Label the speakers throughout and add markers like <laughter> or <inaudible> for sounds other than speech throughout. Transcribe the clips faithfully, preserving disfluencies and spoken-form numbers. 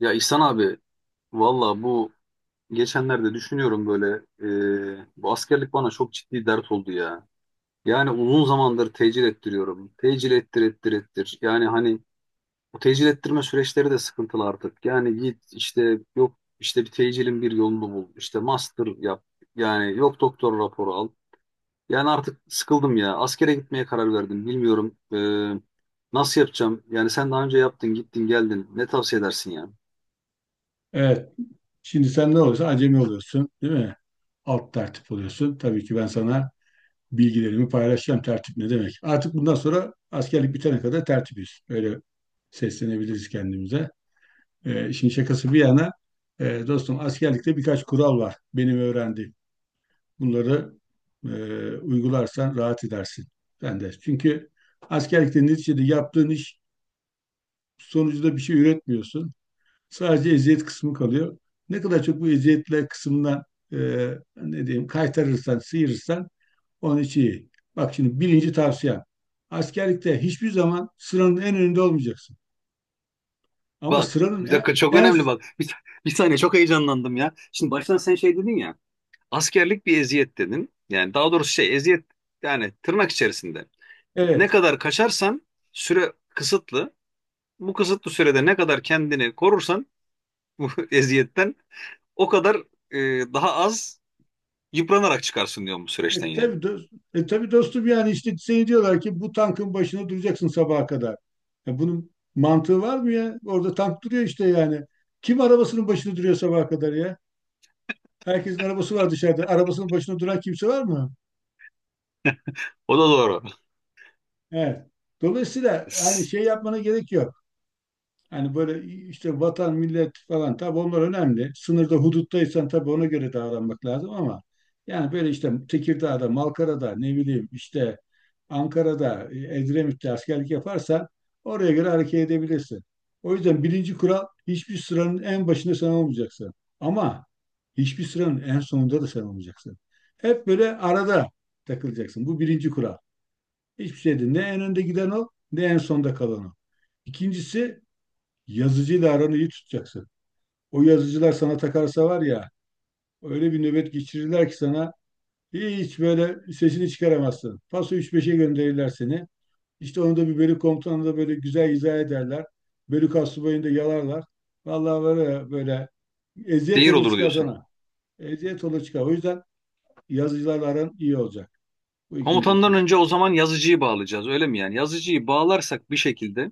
Speaker 1: Ya İhsan abi, valla bu geçenlerde düşünüyorum böyle, e, bu askerlik bana çok ciddi dert oldu ya. Yani uzun zamandır tecil ettiriyorum. Tecil ettir ettir ettir. Yani hani bu tecil ettirme süreçleri de sıkıntılı artık. Yani git işte, yok işte, bir tecilin bir yolunu bul. İşte master yap. Yani yok, doktor raporu al. Yani artık sıkıldım ya. Askere gitmeye karar verdim. Bilmiyorum e, nasıl yapacağım. Yani sen daha önce yaptın, gittin, geldin. Ne tavsiye edersin ya?
Speaker 2: Evet. Şimdi sen ne olursa acemi oluyorsun, değil mi? Alt tertip oluyorsun. Tabii ki ben sana bilgilerimi paylaşacağım. Tertip ne demek? Artık bundan sonra askerlik bitene kadar tertibiz. Öyle seslenebiliriz kendimize. Ee, işin şakası bir yana, e, dostum askerlikte birkaç kural var. Benim öğrendiğim. Bunları e, uygularsan rahat edersin. Sen de. Çünkü askerlikte neticede yaptığın iş sonucunda bir şey üretmiyorsun. Sadece eziyet kısmı kalıyor. Ne kadar çok bu eziyetler kısmından e, ne diyeyim kaytarırsan, sıyırırsan onun için iyi. Bak şimdi birinci tavsiyem. Askerlikte hiçbir zaman sıranın en önünde olmayacaksın. Ama
Speaker 1: Bak
Speaker 2: sıranın
Speaker 1: bir
Speaker 2: en,
Speaker 1: dakika, çok
Speaker 2: en
Speaker 1: önemli, bak. Bir, bir saniye, çok heyecanlandım ya. Şimdi baştan sen şey dedin ya. Askerlik bir eziyet dedin. Yani daha doğrusu şey, eziyet, yani tırnak içerisinde. Ne
Speaker 2: evet.
Speaker 1: kadar kaçarsan, süre kısıtlı. Bu kısıtlı sürede ne kadar kendini korursan bu <laughs> eziyetten o kadar e, daha az yıpranarak çıkarsın diyorum, bu süreçten
Speaker 2: E
Speaker 1: yani.
Speaker 2: tabii, dost, e tabii dostum yani işte seni diyorlar ki bu tankın başına duracaksın sabaha kadar. Ya bunun mantığı var mı ya? Orada tank duruyor işte yani. Kim arabasının başına duruyor sabaha kadar ya? Herkesin arabası var dışarıda. Arabasının başına duran kimse var mı?
Speaker 1: O da doğru.
Speaker 2: Evet. Dolayısıyla hani şey yapmana gerek yok. Hani böyle işte vatan, millet falan tabii onlar önemli. Sınırda, huduttaysan tabii ona göre davranmak lazım ama yani böyle işte Tekirdağ'da, Malkara'da, ne bileyim işte Ankara'da, e, Edremit'te askerlik yaparsan oraya göre hareket edebilirsin. O yüzden birinci kural hiçbir sıranın en başında sen olmayacaksın. Ama hiçbir sıranın en sonunda da sen olmayacaksın. Hep böyle arada takılacaksın. Bu birinci kural. Hiçbir şey değil. Ne en önde giden o, ne en sonda kalan o. İkincisi yazıcıyla aranı iyi tutacaksın. O yazıcılar sana takarsa var ya, öyle bir nöbet geçirirler ki sana hiç böyle sesini çıkaramazsın. Paso üç beşe gönderirler seni. İşte onu da bir bölük komutanı da böyle güzel izah ederler. Bölük astsubayını da yalarlar. Vallahi böyle, böyle eziyet
Speaker 1: Zehir
Speaker 2: olur
Speaker 1: olur
Speaker 2: çıkar
Speaker 1: diyorsun.
Speaker 2: sana. Eziyet olur çıkar. O yüzden yazıcılarla aran iyi olacak. Bu ikinci
Speaker 1: Komutandan
Speaker 2: husus.
Speaker 1: önce o zaman yazıcıyı bağlayacağız, öyle mi yani? Yazıcıyı bağlarsak bir şekilde,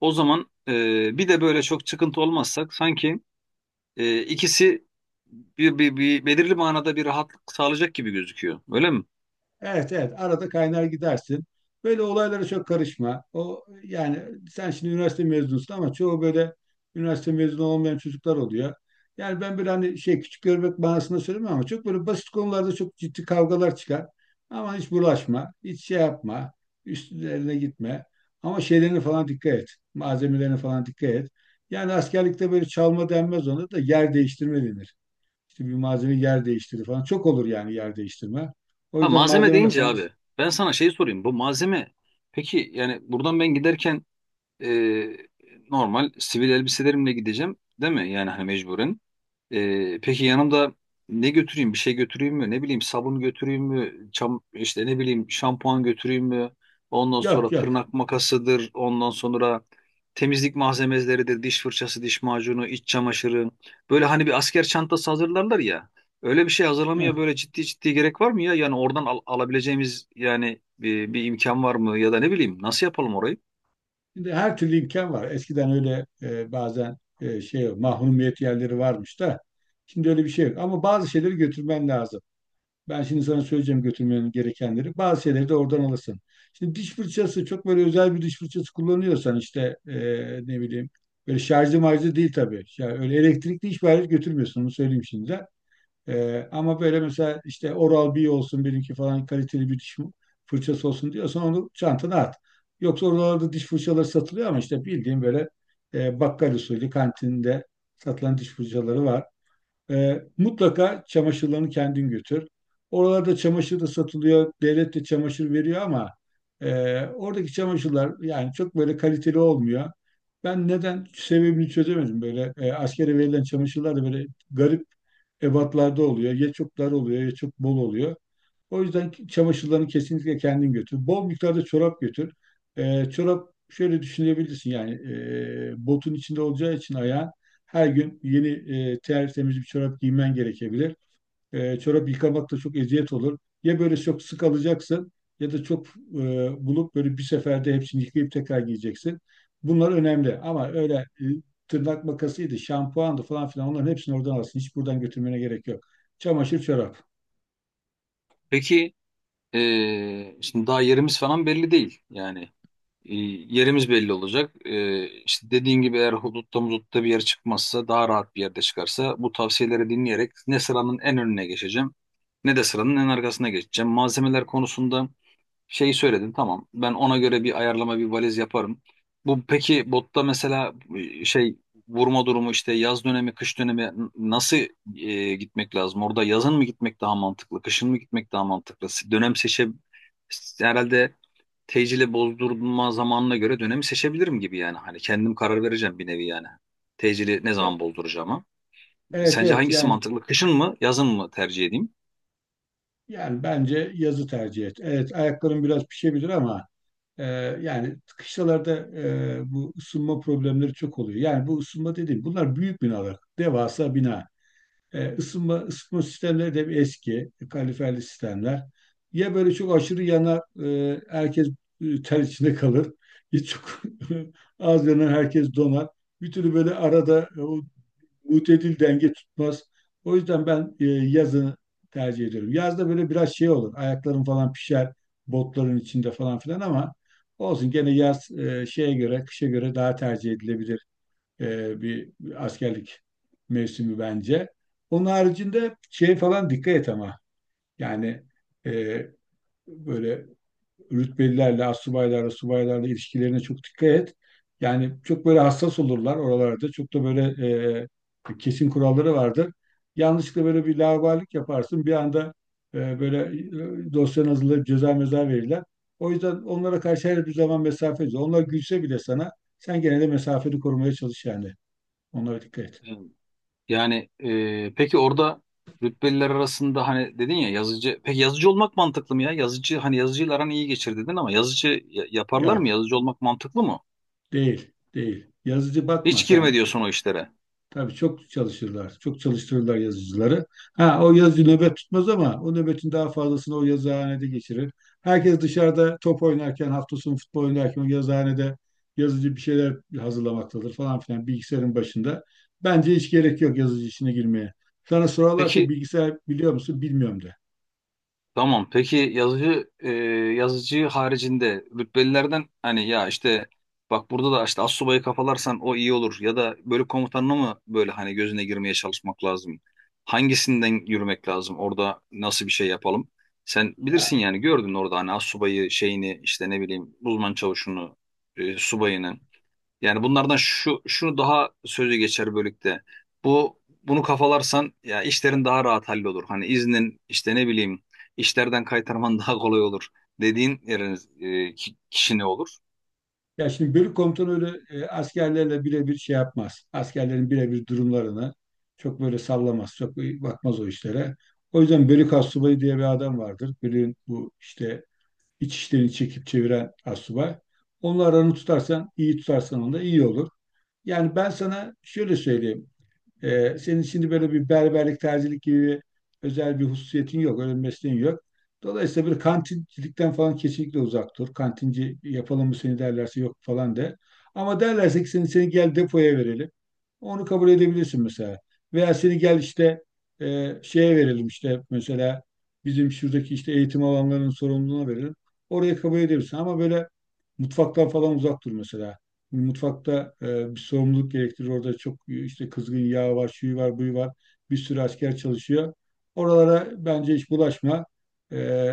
Speaker 1: o zaman e, bir de böyle çok çıkıntı olmazsak, sanki e, ikisi bir, bir, bir belirli manada bir rahatlık sağlayacak gibi gözüküyor. Öyle mi?
Speaker 2: Evet evet arada kaynar gidersin. Böyle olaylara çok karışma. O yani sen şimdi üniversite mezunusun ama çoğu böyle üniversite mezunu olmayan çocuklar oluyor. Yani ben böyle hani şey küçük görmek manasında söylemiyorum ama çok böyle basit konularda çok ciddi kavgalar çıkar. Ama hiç bulaşma, hiç şey yapma, üstlerine gitme. Ama şeylerine falan dikkat et, malzemelerine falan dikkat et. Yani askerlikte böyle çalma denmez ona da yer değiştirme denir. İşte bir malzeme yer değiştirir falan. Çok olur yani yer değiştirme. O
Speaker 1: Ha,
Speaker 2: yüzden
Speaker 1: malzeme
Speaker 2: malzemeyle
Speaker 1: deyince
Speaker 2: falan
Speaker 1: abi, ben sana şey sorayım. Bu malzeme peki, yani buradan ben giderken e, normal sivil elbiselerimle gideceğim, değil mi? Yani hani mecburen. Ee, peki yanımda ne götüreyim? Bir şey götüreyim mi? Ne bileyim, sabun götüreyim mi? Çam, işte ne bileyim, şampuan götüreyim mi? Ondan
Speaker 2: yok
Speaker 1: sonra
Speaker 2: yok.
Speaker 1: tırnak makasıdır. Ondan sonra temizlik malzemeleridir. Diş fırçası, diş macunu, iç çamaşırı. Böyle hani bir asker çantası hazırlarlar ya. Öyle bir şey hazırlamaya
Speaker 2: Heh.
Speaker 1: böyle ciddi ciddi gerek var mı ya? Yani oradan al- alabileceğimiz yani bir, bir imkan var mı? Ya da ne bileyim, nasıl yapalım orayı?
Speaker 2: Şimdi her türlü imkan var. Eskiden öyle e, bazen e, şey mahrumiyet yerleri varmış da şimdi öyle bir şey yok. Ama bazı şeyleri götürmen lazım. Ben şimdi sana söyleyeceğim götürmenin gerekenleri. Bazı şeyleri de oradan alırsın. Şimdi diş fırçası çok böyle özel bir diş fırçası kullanıyorsan işte e, ne bileyim böyle şarjlı marjlı değil tabii. Yani öyle elektrikli hiçbir alet götürmüyorsun onu söyleyeyim şimdi. Ee, ama böyle mesela işte Oral-B olsun benimki falan kaliteli bir diş fırçası olsun diyorsan onu çantana at. Yoksa oralarda diş fırçaları satılıyor ama işte bildiğin böyle e, bakkal usulü kantinde satılan diş fırçaları var. Ee, mutlaka çamaşırlarını kendin götür. Oralarda çamaşır da satılıyor. Devlet de çamaşır veriyor ama e, oradaki çamaşırlar yani çok böyle kaliteli olmuyor. Ben neden sebebini çözemedim böyle. E, askere verilen çamaşırlar da böyle garip ebatlarda oluyor. Ya çok dar oluyor ya çok bol oluyor. O yüzden ki- çamaşırlarını kesinlikle kendin götür. Bol miktarda çorap götür. Ee, çorap şöyle düşünebilirsin yani e, botun içinde olacağı için ayağın her gün yeni e, tertemiz bir çorap giymen gerekebilir. E, çorap yıkamak da çok eziyet olur. Ya böyle çok sık alacaksın ya da çok e, bulup böyle bir seferde hepsini yıkayıp tekrar giyeceksin. Bunlar önemli ama öyle e, tırnak makasıydı, şampuandı falan filan onların hepsini oradan alsın. Hiç buradan götürmene gerek yok. Çamaşır, çorap.
Speaker 1: Peki, ee, şimdi daha yerimiz falan belli değil. Yani. E, Yerimiz belli olacak. E, işte dediğin gibi, eğer hudutta mudutta bir yer çıkmazsa, daha rahat bir yerde çıkarsa, bu tavsiyeleri dinleyerek ne sıranın en önüne geçeceğim, ne de sıranın en arkasına geçeceğim. Malzemeler konusunda şeyi söyledin, tamam, ben ona göre bir ayarlama, bir valiz yaparım. Bu peki, botta mesela, e, şey vurma durumu, işte yaz dönemi, kış dönemi, n- nasıl e, gitmek lazım? Orada yazın mı gitmek daha mantıklı, kışın mı gitmek daha mantıklı? Dönem seçe herhalde tecile bozdurma zamanına göre dönemi seçebilirim gibi yani. Hani kendim karar vereceğim bir nevi yani. Tecili ne
Speaker 2: E,
Speaker 1: zaman bozduracağıma.
Speaker 2: Evet,
Speaker 1: Sence
Speaker 2: evet,
Speaker 1: hangisi
Speaker 2: yani
Speaker 1: mantıklı? Kışın mı, yazın mı tercih edeyim?
Speaker 2: yani bence yazı tercih et. Evet ayakların biraz pişebilir ama e, yani kışlalarda e, bu ısınma problemleri çok oluyor. Yani bu ısınma dediğim bunlar büyük binalar, devasa bina. E, ısınma ısıtma sistemleri de bir eski, kaloriferli sistemler. Ya böyle çok aşırı yanar, e, herkes e, ter içinde kalır. Ya çok <laughs> az yanar, herkes donar. Bir türlü böyle arada e, o mutedil denge tutmaz. O yüzden ben e, yazını tercih ediyorum. Yazda böyle biraz şey olur. Ayaklarım falan pişer botların içinde falan filan ama olsun gene yaz e, şeye göre, kışa göre daha tercih edilebilir e, bir, bir askerlik mevsimi bence. Onun haricinde şey falan dikkat et ama yani e, böyle rütbelilerle, astsubaylarla, subaylarla ilişkilerine çok dikkat et. Yani çok böyle hassas olurlar oralarda. Çok da böyle e, kesin kuralları vardır. Yanlışlıkla böyle bir laubalilik yaparsın. Bir anda e, böyle e, dosyanı hazırlayıp ceza meza verirler. O yüzden onlara karşı her bir zaman mesafeli. Onlar gülse bile sana sen gene de mesafeni korumaya çalış yani. Onlara dikkat et.
Speaker 1: Ee, Yani, e, peki orada rütbeliler arasında, hani dedin ya, yazıcı. Peki yazıcı olmak mantıklı mı ya? Yazıcı, hani yazıcıyla aran iyi geçir dedin, ama yazıcı ya- yaparlar mı?
Speaker 2: Yok,
Speaker 1: Yazıcı olmak mantıklı mı?
Speaker 2: değil, değil. Yazıcı bakma
Speaker 1: Hiç girme
Speaker 2: sen.
Speaker 1: diyorsun o işlere.
Speaker 2: Tabii çok çalışırlar. Çok çalıştırırlar yazıcıları. Ha o yazıcı nöbet tutmaz ama o nöbetin daha fazlasını o yazıhanede geçirir. Herkes dışarıda top oynarken, hafta sonu futbol oynarken o yazıhanede yazıcı bir şeyler hazırlamaktadır falan filan bilgisayarın başında. Bence hiç gerek yok yazıcı işine girmeye. Sana sorarlarsa
Speaker 1: Peki.
Speaker 2: bilgisayar biliyor musun? Bilmiyorum de.
Speaker 1: Tamam. Peki yazıcı e, yazıcı haricinde rütbelilerden, hani ya işte, bak burada da işte astsubayı kafalarsan o iyi olur, ya da bölük komutanına mı böyle, hani gözüne girmeye çalışmak lazım? Hangisinden yürümek lazım? Orada nasıl bir şey yapalım? Sen bilirsin
Speaker 2: Ya
Speaker 1: yani, gördün orada, hani astsubayı şeyini, işte ne bileyim, uzman çavuşunu, e, subayını. Yani bunlardan şu şu daha sözü geçer bölükte. Bu bunu kafalarsan ya, işlerin daha rahat hallolur. Hani iznin, işte ne bileyim, işlerden kaytarman <laughs> daha kolay olur dediğin yerin, e, ki- kişi ne olur?
Speaker 2: Ya şimdi bölük komutanı öyle e, askerlerle birebir şey yapmaz. Askerlerin birebir durumlarını çok böyle sallamaz. Çok bakmaz o işlere. O yüzden bölük astsubayı diye bir adam vardır. Bölüğün bu işte iç işlerini çekip çeviren astsubay. Onunla aranı tutarsan, iyi tutarsan onda iyi olur. Yani ben sana şöyle söyleyeyim. Ee, senin şimdi böyle bir berberlik, terzilik gibi özel bir hususiyetin yok, öyle bir mesleğin yok. Dolayısıyla bir kantincilikten falan kesinlikle uzak dur. Kantinci yapalım mı seni derlerse yok falan de. Ama derlerse ki seni, seni gel depoya verelim. Onu kabul edebilirsin mesela. Veya seni gel işte e, şeye verelim işte mesela bizim şuradaki işte eğitim alanlarının sorumluluğuna verelim. Oraya kabul edebilirsin. Ama böyle mutfaktan falan uzak dur mesela. Mutfakta e, bir sorumluluk gerektirir. Orada çok e, işte kızgın yağ var, şuyu var, buyu var. Bir sürü asker çalışıyor. Oralara bence hiç bulaşma. E,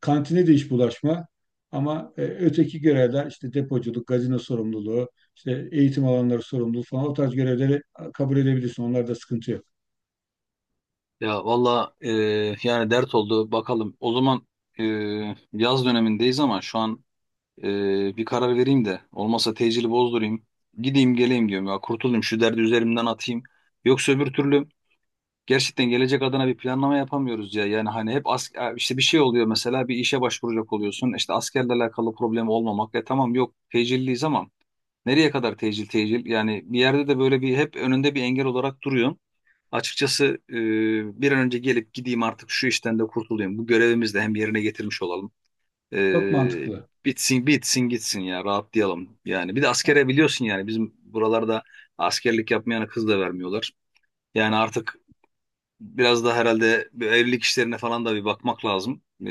Speaker 2: Kantine de hiç bulaşma. Ama e, öteki görevler işte depoculuk, gazino sorumluluğu, işte eğitim alanları sorumluluğu falan o tarz görevleri kabul edebilirsin. Onlarda sıkıntı yok.
Speaker 1: Ya valla, e, yani dert oldu bakalım. O zaman e, yaz dönemindeyiz ama şu an e, bir karar vereyim de, olmasa tecili bozdurayım. Gideyim geleyim diyorum ya, kurtulayım şu derdi, üzerimden atayım. Yoksa öbür türlü gerçekten gelecek adına bir planlama yapamıyoruz ya. Yani hani hep as işte bir şey oluyor, mesela bir işe başvuracak oluyorsun. İşte askerlerle alakalı problem olmamak. E tamam, yok, tecilliyiz ama nereye kadar tecil tecil? Yani bir yerde de böyle bir, hep önünde bir engel olarak duruyor. Açıkçası e, bir an önce gelip gideyim artık, şu işten de kurtulayım. Bu görevimizi de hem yerine getirmiş olalım.
Speaker 2: Çok
Speaker 1: E,
Speaker 2: mantıklı.
Speaker 1: Bitsin bitsin gitsin ya, rahatlayalım. Yani bir de askere, biliyorsun yani bizim buralarda askerlik yapmayana kız da vermiyorlar. Yani artık biraz da herhalde bir evlilik işlerine falan da bir bakmak lazım. Ee,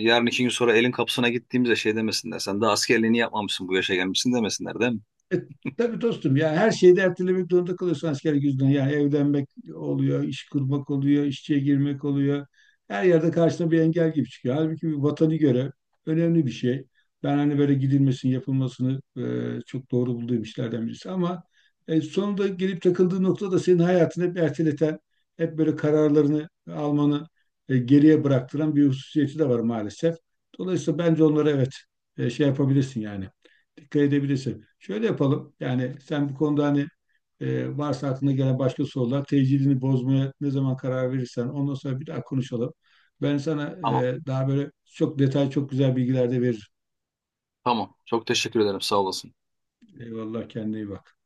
Speaker 1: Yarın iki gün sonra elin kapısına gittiğimizde şey demesinler: sen daha askerliğini yapmamışsın, bu yaşa gelmişsin, demesinler, değil mi?
Speaker 2: E, tabii dostum ya her şeyi de ertelemek zorunda kalıyorsun askerlik yüzünden. Yani evlenmek oluyor, iş kurmak oluyor, işçiye girmek oluyor. Her yerde karşına bir engel gibi çıkıyor. Halbuki bir vatanı göre önemli bir şey. Ben hani böyle gidilmesini, yapılmasını e, çok doğru bulduğum işlerden birisi. Ama e, sonunda gelip takıldığı nokta da senin hayatını hep erteleten, hep böyle kararlarını almanı e, geriye bıraktıran bir hususiyeti de var maalesef. Dolayısıyla bence onlara evet e, şey yapabilirsin yani dikkat edebilirsin. Şöyle yapalım. Yani sen bu konuda hani e, varsa aklına gelen başka sorular, tecilini bozmaya ne zaman karar verirsen ondan sonra bir daha konuşalım. Ben sana
Speaker 1: Tamam.
Speaker 2: e, daha böyle çok detay, çok güzel bilgiler de veririm.
Speaker 1: Tamam. Çok teşekkür ederim. Sağ olasın.
Speaker 2: Eyvallah kendine iyi bak.